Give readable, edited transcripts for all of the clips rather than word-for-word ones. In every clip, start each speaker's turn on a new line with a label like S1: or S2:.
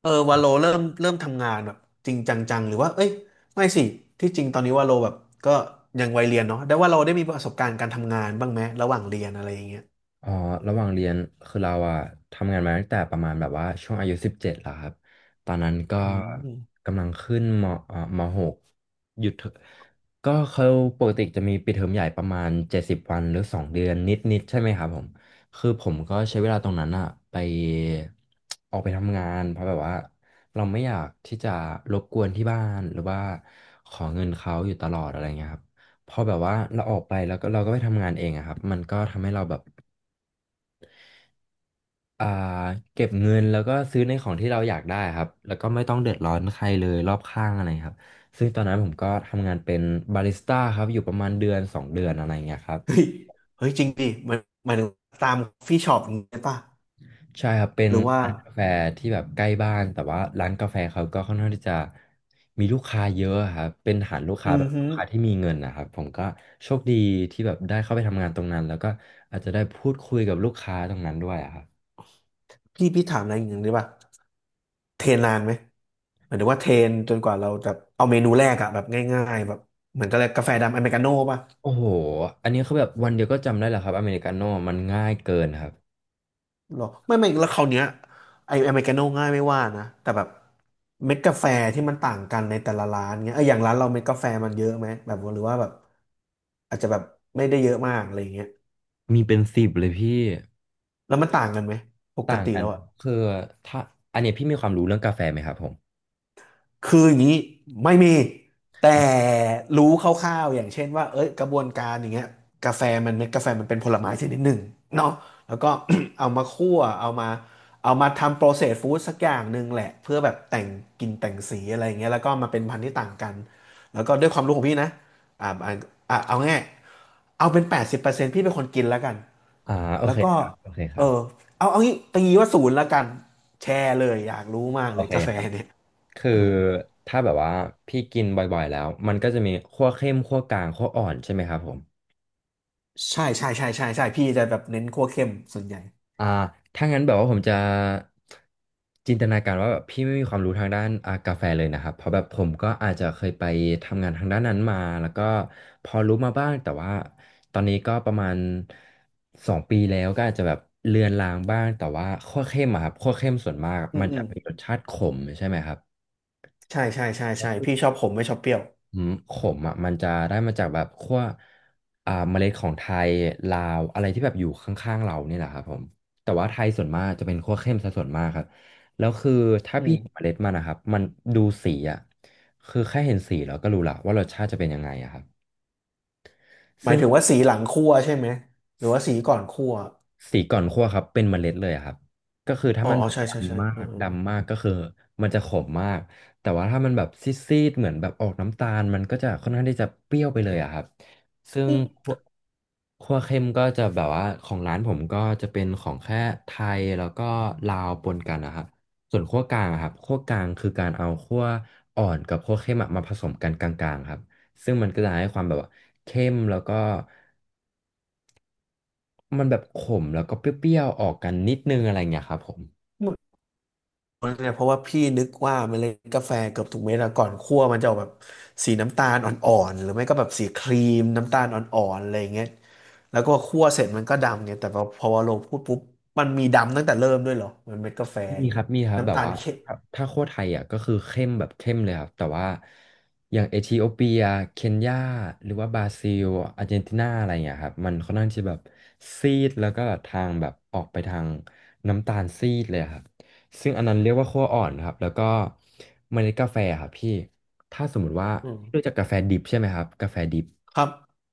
S1: เออวาโลเริ่มทำงานแบบจริงจังๆหรือว่าเอ้ยไม่สิที่จริงตอนนี้วาโลแบบก็ยังวัยเรียนเนาะแต่ว่าเราได้มีประสบการณ์การทำงานบ้างไหมระหว่างเรียนอะไรอย่างเงี้ย
S2: อ๋อ ระหว่างเรียน คือเราอะทำงานมาตั้งแต่ประมาณแบบว่าช่วงอายุ17แล้วครับ ตอนนั้นก็
S1: อืม
S2: กำลังขึ้นมมหกหยุดเถอะก็เขาปกติจะมีปิดเทอมใหญ่ประมาณ70 วันหรือสองเดือนนิดๆใช่ไหมครับผม คือผมก็ใช้เวลาตรงนั้นอะไปออกไปทำงานเพราะแบบว่าเราไม่อยากที่จะรบกวนที่บ้านหรือว่าขอเงินเขาอยู่ตลอดอะไรเงี้ยครับพอแบบว่าเราออกไปแล้วก็เราก็ไปทำงานเองอะครับมันก็ทำให้เราแบบ อ่าเก็บเงินแล้วก็ซื้อในของที่เราอยากได้ครับแล้วก็ไม่ต้องเดือดร้อนใครเลยรอบข้างอะไรครับซึ่งตอนนั้นผมก็ทำงานเป็นบาริสต้าครับอยู่ประมาณเดือนสองเดือนอะไรเงี้ยครับ
S1: เฮ้ยเฮ้ยจริงดิมันหมายถึงตามฟี่ช็อปอย่างเงี้ยป่ะ
S2: ใช่ครับเป็น
S1: หรือว่า
S2: ร้านกาแฟที่แบบใกล้บ้านแต่ว่าร้านกาแฟเขาก็ค่อนข้างที่จะมีลูกค้าเยอะครับเป็นฐานลูก
S1: อื
S2: ค้าแบ
S1: ม
S2: บ
S1: ฮึ
S2: ลูกค้าที่มีเงินนะครับผมก็โชคดีที่แบบได้เข้าไปทำงานตรงนั้นแล้วก็อาจจะได้พูดคุยกับลูกค้าตรงนั้นด้วยอะครับ
S1: พี่ถามอะไรอย่างเงี้ยได้ป่ะเทรนนานไหมหมายถึงว่าเทรนจนกว่าเราจะเอาเมนูแรกอะแบบง่ายๆแบบเหมือนกับอะไรกาแฟดำอเมริกาโน่ป่ะ
S2: โอ้โหอันนี้คือแบบวันเดียวก็จำได้เหรอครับอเมริกาโน่มันง่ายเกินครับ
S1: หรอไม่ไม่แล้วคราวเนี้ยไออเมริกาโน่ง่ายไม่ว่านะแต่แบบเม็ดกาแฟที่มันต่างกันในแต่ละร้านเงี้ยเอออย่างร้านเราเม็ดกาแฟมันเยอะไหมแบบหรือว่าแบบอาจจะแบบไม่ได้เยอะมากอะไรเงี้ย
S2: มีเป็นสิบเลยพี่
S1: แล้วมันต่างกันไหมปก
S2: ต่าง
S1: ติ
S2: กัน
S1: แล้ว
S2: ครั
S1: อะ
S2: บคือถ้าอันเนี้ยพี่มีความรู้เรื่องกาแฟไหมครับผม
S1: คืออย่างนี้ไม่มีแต่
S2: อ่ะ
S1: รู้คร่าวๆอย่างเช่นว่าเอ้ยกระบวนการอย่างเงี้ยกาแฟมันเม็ดกาแฟมันเป็นผลไม้ชนิดหนึ่งเนาะแล้วก็ เอามาคั่วเอามาเอามาทำโปรเซสฟู้ดสักอย่างหนึ่งแหละเพื่อแบบแต่งกลิ่นแต่งสีอะไรอย่างเงี้ยแล้วก็มาเป็นพันธุ์ที่ต่างกันแล้วก็ด้วยความรู้ของพี่นะอ่าอ่าเอาง่ายเอาเป็น80%พี่เป็นคนกินแล้วกัน
S2: อ่าโอ
S1: แล้ว
S2: เค
S1: ก็
S2: ครับโอเคค
S1: เอ
S2: รั
S1: อ
S2: บ
S1: เอางี้ตีว่าศูนย์แล้วกันแชร์เลยอยากรู้มาก
S2: โอ
S1: เลย
S2: เค
S1: กาแฟ
S2: ครับ
S1: เนี่ย
S2: คือ
S1: เออ
S2: ถ้าแบบว่าพี่กินบ่อยๆแล้วมันก็จะมีคั่วเข้มคั่วกลางคั่วอ่อนใช่ไหมครับผม
S1: ใช่ใช่ใช่ใช่ใช่พี่จะแบบเน้นคั่วเข้มส่วนใหญ่
S2: อ่าถ้างั้นแบบว่าผมจะจินตนาการว่าแบบพี่ไม่มีความรู้ทางด้านกาแฟเลยนะครับ เพราะแบบผมก็อาจจะเคยไปทำงานทางด้านนั้นมาแล้วก็พอรู้มาบ้าง แต่ว่าตอนนี้ก็ประมาณ2 ปีแล้วก็อาจจะแบบเลือนลางบ้าง แต่ว่าคั่วเข้มอะครับคั่วเข้มส่วนมาก
S1: อื
S2: มั
S1: ม
S2: น
S1: อื
S2: จะ
S1: ม
S2: มีรสชาติขมใช่ไหมครับ
S1: ใช่ใช่ใช่ใช่พี่ชอบขมไม่ชอบเปรี้ยว
S2: อืมขมอ่ะมันจะได้มาจากแบบขั้วเมล็ดของไทยลาวอะไรที่แบบอยู่ข้างๆเราเนี่ยแหละครับผมแต่ว่าไทยส่วนมากจะเป็นขั้วเข้มซะส่วนมากครับแล้วคือถ้า
S1: อื
S2: พี่เห็นเม
S1: ม
S2: ล็ดมันนะครับมันดูสีอ่ะคือแค่เห็นสีเราก็รู้ละว่ารสชาติจะเป็นยังไงอะครับ
S1: หมา
S2: ซึ่
S1: ย
S2: ง
S1: ถึงว่าสีหลังคั่วใช่ไหมหรือว่าสีก่อนคั่ว
S2: สีก่อนคั่วครับเป็นเมล็ดเลยอะครับก็คือถ้า
S1: อ๋อ
S2: มัน
S1: อ๋อ
S2: แบบ
S1: ใช่ใช่ใช่
S2: ดำมา
S1: เออ
S2: ก
S1: เออ
S2: ดำมากก็คือมันจะขมมากแต่ว่าถ้ามันแบบซีดๆเหมือนแบบออกน้ำตาลมันก็จะค่อนข้างที่จะเปรี้ยวไปเลยอะครับซึ่ง
S1: อืม
S2: คั่วคั่วเข้มก็จะแบบว่าของร้านผมก็จะเป็นของแค่ไทยแล้วก็ลาวปนกันนะครับส่วนคั่วกลางอะครับคั่วกลางคือการเอาคั่วอ่อนกับคั่วเข้มอะมาผสมกันกลางๆครับซึ่งมันก็จะให้ความแบบว่าเข้มแล้วก็ มันแบบขมแล้วก็เปรี้ยวๆออกกันนิดนึงอะไรเงี้ยครับผม
S1: เหมือนเนี่ยเพราะว่าพี่นึกว่าเมล็ดกาแฟเกือบทุกเม็ดอะก่อนคั่วมันจะออกแบบสีน้ำตาลอ่อนๆหรือไม่ก็แบบสีครีมน้ำตาลอ่อนๆอะไรอย่างเงี้ยแล้วก็คั่วเสร็จมันก็ดำเนี่ยแต่พอพอเราพูดปุ๊บมันมีดำตั้งแต่เริ่มด้วยเหรอมันเม็ดกาแฟอ
S2: มี
S1: ย่าง
S2: ค
S1: เงี้
S2: รั
S1: ย
S2: บมีครับแบ
S1: น้ำ
S2: บ
S1: ตาล
S2: ว่า
S1: เข้
S2: ครับถ้าโคชไทยอ่ะก็คือเข้มแบบเข้มเลยครับแต่ว่าอย่างเอธิโอเปียเคนยาหรือว่าบราซิลอาร์เจนตินาอะไรเงี้ยครับมันค่อนข้างที่แบบซีดแล้วก็ทางแบบออกไปทางน้ำตาลซีดเลยครับซึ่งอันนั้นเรียกว่าคั่วอ่อนครับแล้วก็เมล็ดกาแฟครับพี่ถ้าสมมติว่า
S1: ม
S2: รู้จักกาแฟดิบใช่ไหมครับกาแฟดิบ
S1: ครับ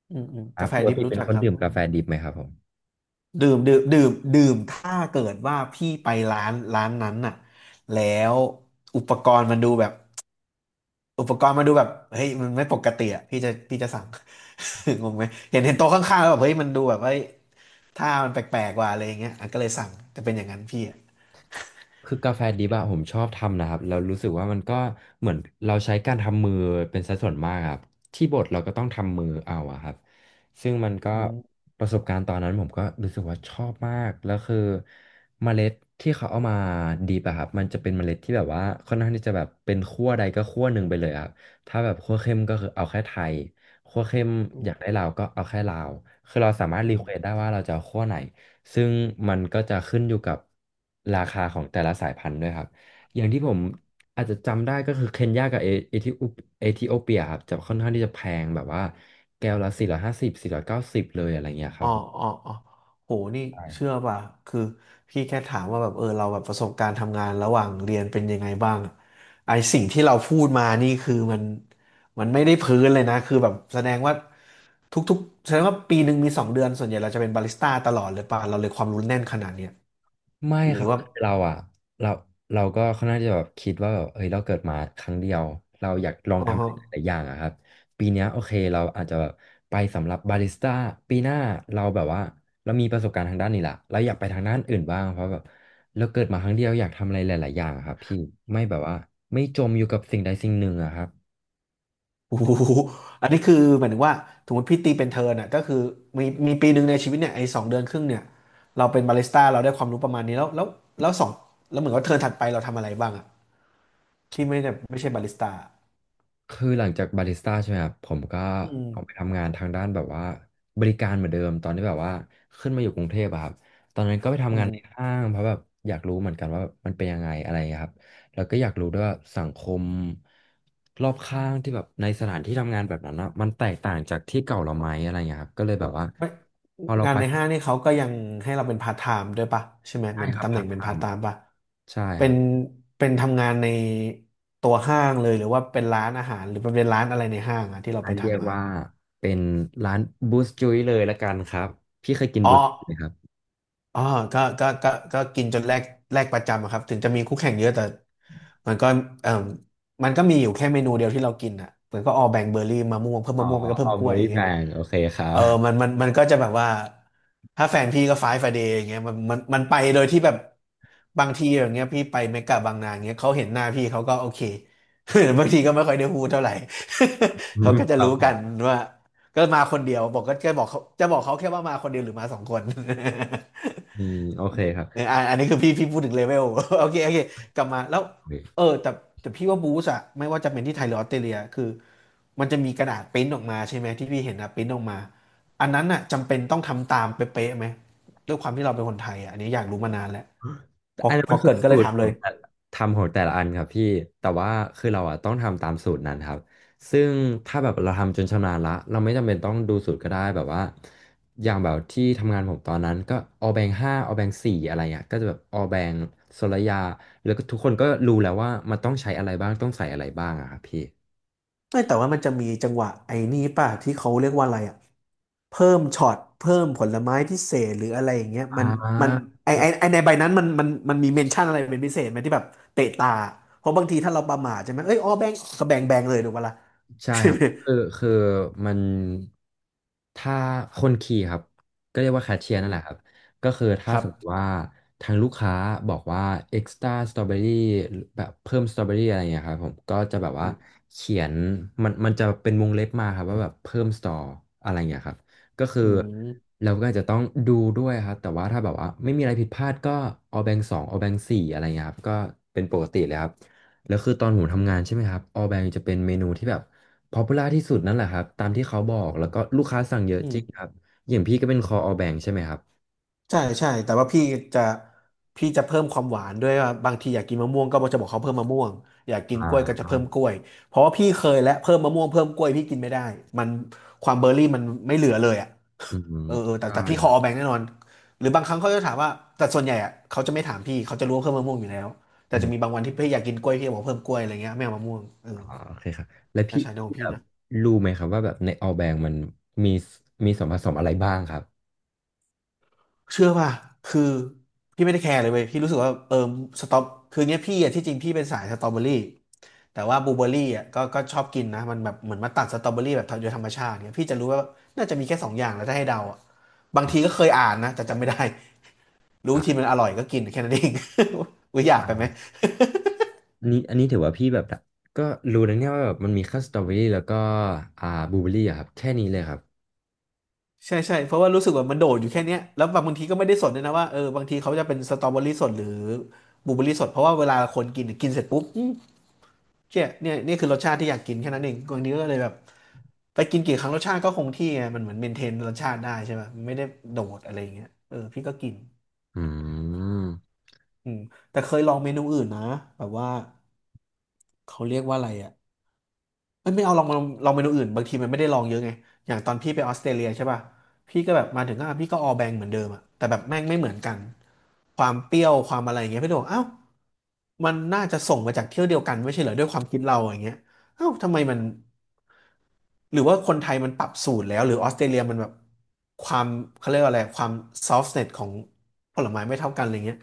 S1: อืมอืม
S2: ครั
S1: กา
S2: บ
S1: แฟ
S2: ปก
S1: ดิบ
S2: ติ
S1: รู้
S2: เป็น
S1: จัก
S2: คน
S1: ครับ
S2: ดื่ม
S1: อื
S2: กา
S1: ม
S2: แฟดิบไหมครับผม
S1: ดื่มดื่มดื่มดื่มถ้าเกิดว่าพี่ไปร้านนั้นน่ะแล้วอุปกรณ์มันดูแบบอุปกรณ์มันดูแบบเฮ้ยมันไม่ปกติอ่ะพี่จะสั่ง งงไหมเห็นโต๊ะข้างๆแล้วแบบเฮ้ยมันดูแบบเฮ้ยถ้ามันแปลกๆกว่าอะไรอย่างเงี้ยอ่ะก็เลยสั่งจะเป็นอย่างนั้นพี่อ่ะ
S2: คือกาแฟดิบอะผมชอบทำนะครับแล้วรู้สึกว่ามันก็เหมือนเราใช้การทำมือเป็นสัดส่วนมากครับที่บดเราก็ต้องทำมือเอาอะครับซึ่งมันก็
S1: อืม
S2: ประสบการณ์ตอนนั้นผมก็รู้สึกว่าชอบมากแล้วคือเมล็ดที่เขาเอามาดิบอะครับมันจะเป็นเมล็ดที่แบบว่าค่อนข้างที่จะแบบเป็นขั้วใดก็ขั้วหนึ่งไปเลยครับถ้าแบบขั้วเข้มก็คือเอาแค่ไทยขั้วเข้ม
S1: อื
S2: อยาก
S1: ม
S2: ได้ลาวก็เอาแค่ลาวคือเราสามารถ
S1: อื
S2: รีเควส
S1: ม
S2: ได้ว่าเราจะเอาขั้วไหน ซึ่งมันก็จะขึ้นอยู่กับราคาของแต่ละสายพันธุ์ด้วยครับอย่างที่ผมอาจจะจำได้ก็คือเคนยากับเอธิโอเอธิโอเปียครับจะค่อนข้างที่จะแพงแบบว่าแก้วละ450490เลยอะไรเงี้ยค
S1: อ๋
S2: รั
S1: อ
S2: บผม
S1: อ๋ออ๋อโหนี่เชื่อป่ะ คือพี่แค่ถามว่าแบบเออเราแบบประสบการณ์ทำงานระหว่างเรียนเป็นยังไงบ้างอะไอสิ่งที่เราพูดมานี่คือมันไม่ได้พื้นเลยนะคือแบบแสดงว่าทุกๆแสดงว่าปีหนึ่งมีสองเดือนส่วนใหญ่เราจะเป็นบาริสต้าตลอดเลยป่ะเราเลยความรู้แน่นขนาดเนี้ย
S2: ไม่
S1: หรื
S2: ค
S1: อ
S2: รับ
S1: ว่า
S2: คือเราอ่ะเราเราก็ค่อนข้างจะแบบคิดว่าแบบเอ้ยเราเกิดมาครั้งเดียวเราอยากลอง
S1: อ๋
S2: ทำหลาย
S1: อ
S2: ๆอย่างอะครับปีเนี้ยโอเคเราอาจจะแบบไปสำหรับบาริสต้าปีหน้าเราแบบว่าเรามีประสบการณ์ทางด้านนี้ละเราอยากไปทางด้านอื่นบ้างเพราะแบบเราเกิดมาครั้งเดียวอยากทำอะไรหลายๆอย่างอะครับพี่ไม่แบบว่าไม่จมอยู่กับสิ่งใดสิ่งหนึ่งอะครับ
S1: โอ้โหอันนี้คือหมายถึงว่าสมมติพี่ตีเป็นเทิร์นอ่ะก็คือมีปีหนึ่งในชีวิตเนี่ยไอ้สองเดือนครึ่งเนี่ยเราเป็นบาริสต้าเราได้ความรู้ประมาณนี้แล้วแล้วแล้วสองแล้วเหมือนว่าเทิร์นถัดไปเราทำอะไรบ้างอ่ะที่ไม่ได้ไม่ใช่บาริสต้า
S2: คือหลังจากบาริสต้าใช่ไหมครับผมก็
S1: อืม
S2: ออกไปทำงานทางด้านแบบว่าบริการเหมือนเดิมตอนที่แบบว่าขึ้นมาอยู่กรุงเทพอะครับตอนนั้นก็ไป
S1: อื
S2: ทำงาน
S1: ม
S2: ในห้างเพราะแบบอยากรู้เหมือนกันว่ามันเป็นยังไงอะไรอย่างเงี้ยครับแล้วก็อยากรู้ด้วยว่าสังคมรอบข้างที่แบบในสถานที่ทำงานแบบนั้นนะมันแตกต่างจากที่เก่าเราไหมอะไรอย่างเงี้ยครับก็เลยแบบว่า
S1: ไม่
S2: พอเรา
S1: งาน
S2: ไป
S1: ในห้างนี่เขาก็ยังให้เราเป็นพาร์ทไทม์ด้วยปะใช่ไหมเห
S2: ใช่
S1: มือน
S2: ครับ
S1: ตำแห
S2: พา
S1: น่
S2: ร์
S1: ง
S2: ทไท
S1: เป็นพาร์ท
S2: ม์
S1: ไทม์ปะ
S2: ใช่
S1: เป็
S2: ครั
S1: น
S2: บ
S1: เป็นทำงานในตัวห้างเลยหรือว่าเป็นร้านอาหารหรือเป็นร้านอะไรในห้างอะที่เรา
S2: อั
S1: ไป
S2: นเรียก
S1: ทำอะครั
S2: ว่า
S1: บ
S2: เป็นร้านบูสจุยเลยละกันครับพี่เคยกิน
S1: อ๋อ
S2: บูสจุยไหมครับ
S1: อ๋อก็กินจนแลกประจำอะครับถึงจะมีคู่แข่งเยอะแต่มันก็เอ่อมันก็มีอยู่แค่เมนูเดียวที่เรากินอ่ะเหมือนก็ออแบ่งเบอร์รี่มะม่วงเพิ่ม
S2: อ๋อ
S1: มะม่วงไปก็เพิ่
S2: เอา
S1: มก
S2: เบ
S1: ล้
S2: อ
S1: วย
S2: ร์
S1: อ
S2: รี่
S1: ย่าง
S2: แบ
S1: เงี้ย
S2: งโอเคครั
S1: เอ
S2: บ
S1: อ มันก็จะแบบว่าถ้าแฟนพี่ก็ไฟฟ์ไฟเดย์อย่างเงี้ยมันไปโดยที่แบบบางทีอย่างเงี้ยพี่ไปเมกะบางนาอย่างเงี้ยเขาเห็นหน้าพี่เขาก็โอเค บางทีก็ไม่ค่อยได้พูดเท่าไหร่
S2: อื
S1: เขา
S2: ม
S1: ก็
S2: ค
S1: จะ
S2: รับ
S1: รู้
S2: ผ
S1: กัน
S2: ม
S1: ว่าก็มาคนเดียวบอกก็จะบอกเขาจะบอกเขาแค่ว่ามาคนเดียวหรือมาสองคน
S2: อืมโอเคครับ
S1: เอออันอันนี้คือพี่พูดถึงเลเวล โอเคกลับมาแล้ว
S2: โอเค
S1: แต่พี่ว่าบูสอะไม่ว่าจะเป็นที่ไทยหรือออสเตรเลียคือมันจะมีกระดาษปริ้นออกมาใช่ไหมที่พี่เห็นนะปริ้นออกมาอันนั้นอะจำเป็นต้องทำตามเป๊ะๆไหมด้วยความที่เราเป็นคนไทยอะอันนี้อยากรู้มานานแล้ว
S2: แต่
S1: พอ
S2: อันนั้น
S1: พอ
S2: มัน
S1: เก
S2: คื
S1: ริ
S2: อ
S1: นก็เล
S2: สู
S1: ย
S2: ต
S1: ถา
S2: ร
S1: ม
S2: ข
S1: เล
S2: อง
S1: ย
S2: แต่ละทำของแต่ละอันครับพี่แต่ว่าคือเราอะต้องทำตามสูตรนั้นครับซึ่งถ้าแบบเราทำจนชำนาญละเราไม่จำเป็นต้องดูสูตรก็ได้แบบว่าอย่างแบบที่ทำงานผมตอนนั้นก็ออแบงห้าออแบงสี่อะไรเงี้ยก็จะแบบออแบงโซลยาแล้วก็ทุกคนก็รู้แล้วว่ามันต้องใช้อะไรบ้างต้องใส่อะไรบ้างอะครับพี่
S1: ไม่แต่ว่ามันจะมีจังหวะไอ้นี่ป่ะที่เขาเรียกว่าอะไรอ่ะเพิ่มช็อตเพิ่มผลไม้พิเศษหรืออะไรอย่างเงี้ย
S2: อ่
S1: มัน
S2: า
S1: ไอไอไอในใบนั้นมันมีเมนชั่นอะไรเป็นพิเศษไหมที่แบบเตะตาเพราะบางทีถ้าเราประมาทใช่ไหมเอ้ยอ๋อแบงก์ก็แบงเลยถูกปะล่ะ
S2: ใช่
S1: ใช่
S2: ครับ
S1: ไหม
S2: คือ คือมันถ้าคนขี่ครับ ก็เรียกว่าแคชเชียร์
S1: อื
S2: นั่น
S1: ม
S2: แหละครับ ก็คือ
S1: ค
S2: ถ้า
S1: รั
S2: สมมติ
S1: บ
S2: ว่า ทางลูกค้าบอกว่า extra strawberry แบบเพิ่ม strawberry อะไรอย่างเงี้ยครับผมก็จะแบบ
S1: อื
S2: ว่า
S1: ม
S2: เขียน มันจะเป็นวงเล็บมาครับว่าแบบเพิ่ม store อะไรอย่างเงี้ยครับ ก็คือ
S1: อืม
S2: เราก็อาจจะต้องดูด้วยครับ แต่ว่าถ้าแบบว่า ไม่มีอะไรผิดพลาดก็เอาแบงสองเอาแบงสี่อะไรเงี้ยครับก็เป็นปกติเลยครับแล้วคือตอนผมทำงานใช่ไหมครับออแบงจะเป็นเมนูที่แบบ ป๊อปปูล่าที่สุดนั่นแหละครับตามที่เขาบอกแล้วก็ลูกค้าสั่งเยอะ
S1: อื
S2: จริงครั
S1: ม
S2: บอย่างพี่ก็เป็นคออ b a บ k ใช่ไหมครับ
S1: ใช่ใช่แต่ว่าจะพี่จะเพิ่มความหวานด้วยว่าบางทีอยากกินมะม่วงก็จะบอกเขาเพิ่มมะม่วงอยากกิน
S2: อ่
S1: กล้วยก็จะ
S2: า
S1: เพิ่มกล้วยเพราะว่าพี่เคยและเพิ่มมะม่วงเพิ่มกล้วยพี่กินไม่ได้มันความเบอร์รี่มันไม่เหลือเลยอ่ะ
S2: อืม
S1: เออแต่
S2: ใช่
S1: พี่ข
S2: ค
S1: อ
S2: รั
S1: เอาแบ
S2: บ
S1: งค์แน่นอนหรือบางครั้งเขาจะถามว่าแต่ส่วนใหญ่อ่ะเขาจะไม่ถามพี่เขาจะรู้ว่าเพิ่มมะม่วงอยู่แล้วแต่
S2: อื
S1: จะ
S2: ม
S1: มีบางวันที่พี่อยากกินกล้วยพี่บอกเพิ่มกล้วยอะไรเงี้ยไม่เอามะม่วงเออ
S2: อ่าโอเคครับแล้ว
S1: น่า
S2: พี่
S1: ใช้ข
S2: พี่
S1: อง
S2: แบ
S1: พี่
S2: บ
S1: นะ
S2: รู้ไหมครับว่าแบบในออแบงมันมีมีส่วนผสมอะไรบ้างครับ
S1: เชื่อป่ะคือพี่ไม่ได้แคร์เลยเว้ยพี่รู้สึกว่าสตรอคือเนี้ยพี่อะที่จริงพี่เป็นสายสตรอเบอรี่ แต่ว่าบลูเบอร์รี่อ่ะก็ชอบกินนะมันแบบเหมือนมาตัดสตรอเบอรี่แบบโดยธรรมชาติเนี่ยพี่จะรู้ว่าน่าจะมีแค่สองอย่างแล้วถ้าให้เดาอ่ะบางที
S2: อ่า
S1: ก็เคยอ่านนะแต่จำไม่ได้รู้ที
S2: อ่า
S1: มันอร่อยก็กินแค่นั้นเอง อุ้ยอยากไปไหม
S2: ใช่อันนี้อันนี้ถือว่าพี่แบบก็รู้นะเนี่ยว่าแบบมันมีแค่สตรอเบอรี่แล้วก็อ่าบลูเบอรี่อะครับแค่นี้เลยครับ
S1: ใช่ใช่เพราะว่ารู้สึกว่ามันโดดอยู่แค่เนี้ยแล้วบางทีก็ไม่ได้สดด้วยนะว่าเออบางทีเขาจะเป็นสตรอเบอรี่สดหรือบลูเบอร์ี่สดเพราะว่าเวลาคนกินกินเสร็จปุ๊บเจ๊ยเนี่ยนี่คือรสชาติที่อยากกินแค่นั้นเองบางทีก็เลยแบบไปกินกี่ครั้งรสชาติก็คงที่ไงมันเหมือนเมนเทนรสชาติได้ใช่ไหมไม่ได้โดดอะไรอย่างเงี้ยเออพี่ก็กิน
S2: อืม
S1: อืมแต่เคยลองเมนูอื่นนะแบบว่าเขาเรียกว่าอะไรอ่ะไม่เอาลองเมนูอื่นบางทีมันไม่ได้ลองเยอะไงอย่างตอนพี่ไปออสเตรเลียใช่ป่ะพี่ก็แบบมาถึงก็พี่ก็ออแบงเหมือนเดิมอ่ะแต่แบบแม่งไม่เหมือนกันความเปรี้ยวความอะไรอย่างเงี้ยพี่โดบอกเอ้ามันน่าจะส่งมาจากเที่ยวเดียวกันไม่ใช่เหรอด้วยความคิดเราอย่างเงี้ย เอ้าทำไมมันหรือว่าคนไทยมันปรับสูตรแล้วหรือออสเตรเลียมันแบบความเขาเรียกว่าอะไรความซอฟ t เน็ตของผลไม้ไม่เท่ากันอะไรเงี้ย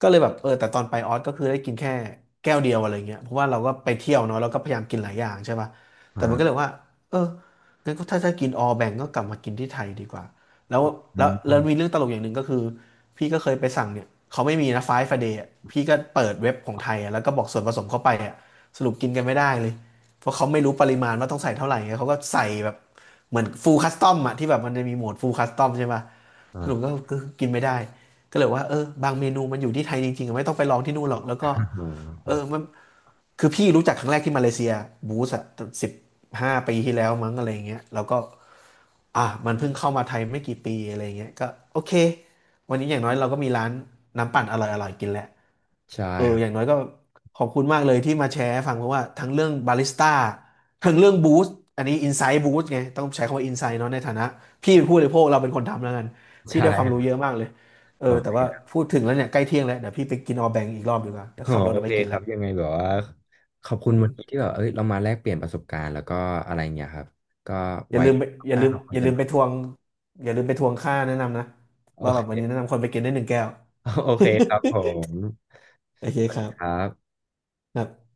S1: ก็เลยแบบเออแต่ตอนไปออสก็คือได้กินแค่แก้วเดียวอะไรเงี้ยเพราะว่าเราก็ไปเที่ยวเนาะเราก็พยายามกินหลายอย่างใช่ป่ะ
S2: อ่า
S1: แต่มันก็เลยว่าเอองั้นก็ถ้าจะกินออแบ่งก็กลับมากินที่ไทยดีกว่าแล้ว
S2: อื
S1: แล้วมีเรื่
S2: ม
S1: องตลกอย่างหนึ่งก็คือพี่ก็เคยไปสั่งเนี่ยเขาไม่มีนะไฟฟ์เดย์พี่ก็เปิดเว็บของไทยอะแล้วก็บอกส่วนผสมเข้าไปอ่ะสรุปกินกันไม่ได้เลย เพราะเขาไม่รู้ปริมาณว่าต้องใส่เท่าไหร่ไงเขาก็ใส่แบบเหมือนฟูลคัสตอมอะที่แบบมันจะมีโหมดฟูลคัสตอมใช่ป่ะสรุปก็
S2: อ่า
S1: ก็กินไม่ได้ก็เลยว่าเออบางเมนูมันอยู่ที่ไทยจริงๆอะไม่ต้องไปลองที่นู่นหรอกแล้วก็
S2: อ๋อค
S1: เอ
S2: รั
S1: อ
S2: บ
S1: มันคือพี่รู้จักครั้งแรกที่มาเลเซียบูสอะสิบห้าปีที่แล้วมั้งอะไรอย่างเงี้ยแล้วก็อ่ะมันเพิ่งเข้ามาไทยไม่กี่ปีอะไรอย่างเงี้ยก็โอเควันนี้อย่างน้อยเราก็มีร้านน้ำปั่นอร่อยๆกินแหละ
S2: ใช่
S1: เออ
S2: ครับ
S1: อย่างน้อยก็ขอบคุณมากเลยที่มาแชร์ให้ฟังเพราะว่าทั้งเรื่องบาริสต้าทั้งเรื่องบูสต์อันนี้อินไซ h ์บูสต์ไงต้องใช้คำว่าอินไซ h ์เนาะในฐานะพี่เป็นผู้บริโภคเราเป็นคนทำแล้วกันพี่
S2: ใช่
S1: ได้ความ
S2: ค
S1: รู้
S2: รับ
S1: เยอะมากเลยเออ
S2: โอ
S1: แต่
S2: เค
S1: ว่าพูดถึงแล้วเนี่ยใกล้เที่ยงแล้วเดี๋ยวพี่ไปกินออแบงอีกรอบดีกว่าเดี๋ยว
S2: อ๋อ
S1: ขับรถ
S2: โอ
S1: ออก
S2: เค
S1: ไปกิน
S2: ค
S1: แล้
S2: รั
S1: ว
S2: บยังไงแบบว่าขอบคุ
S1: อื
S2: ณวันนี้
S1: ม
S2: ที่แบบเอ้ยเรามาแลกเปลี่ยนประสบการณ์แล้วก็อะไรเงี้ยครับก็ไว้หน้าคุ
S1: อ
S2: ย
S1: ย่า
S2: กั
S1: ลื
S2: น
S1: ม
S2: ใหม่
S1: ไปทวงอย่าลืมไปทวงค่าแนะนำนะ
S2: โอ
S1: ว่าแบบวันนี้
S2: เค
S1: แนะนำคนไปกินได้หนึ่งแก้ว
S2: โอเคครับผ ม
S1: โอเค
S2: สวั
S1: ค
S2: ส
S1: รั
S2: ดี
S1: บ
S2: ครับ
S1: ครับ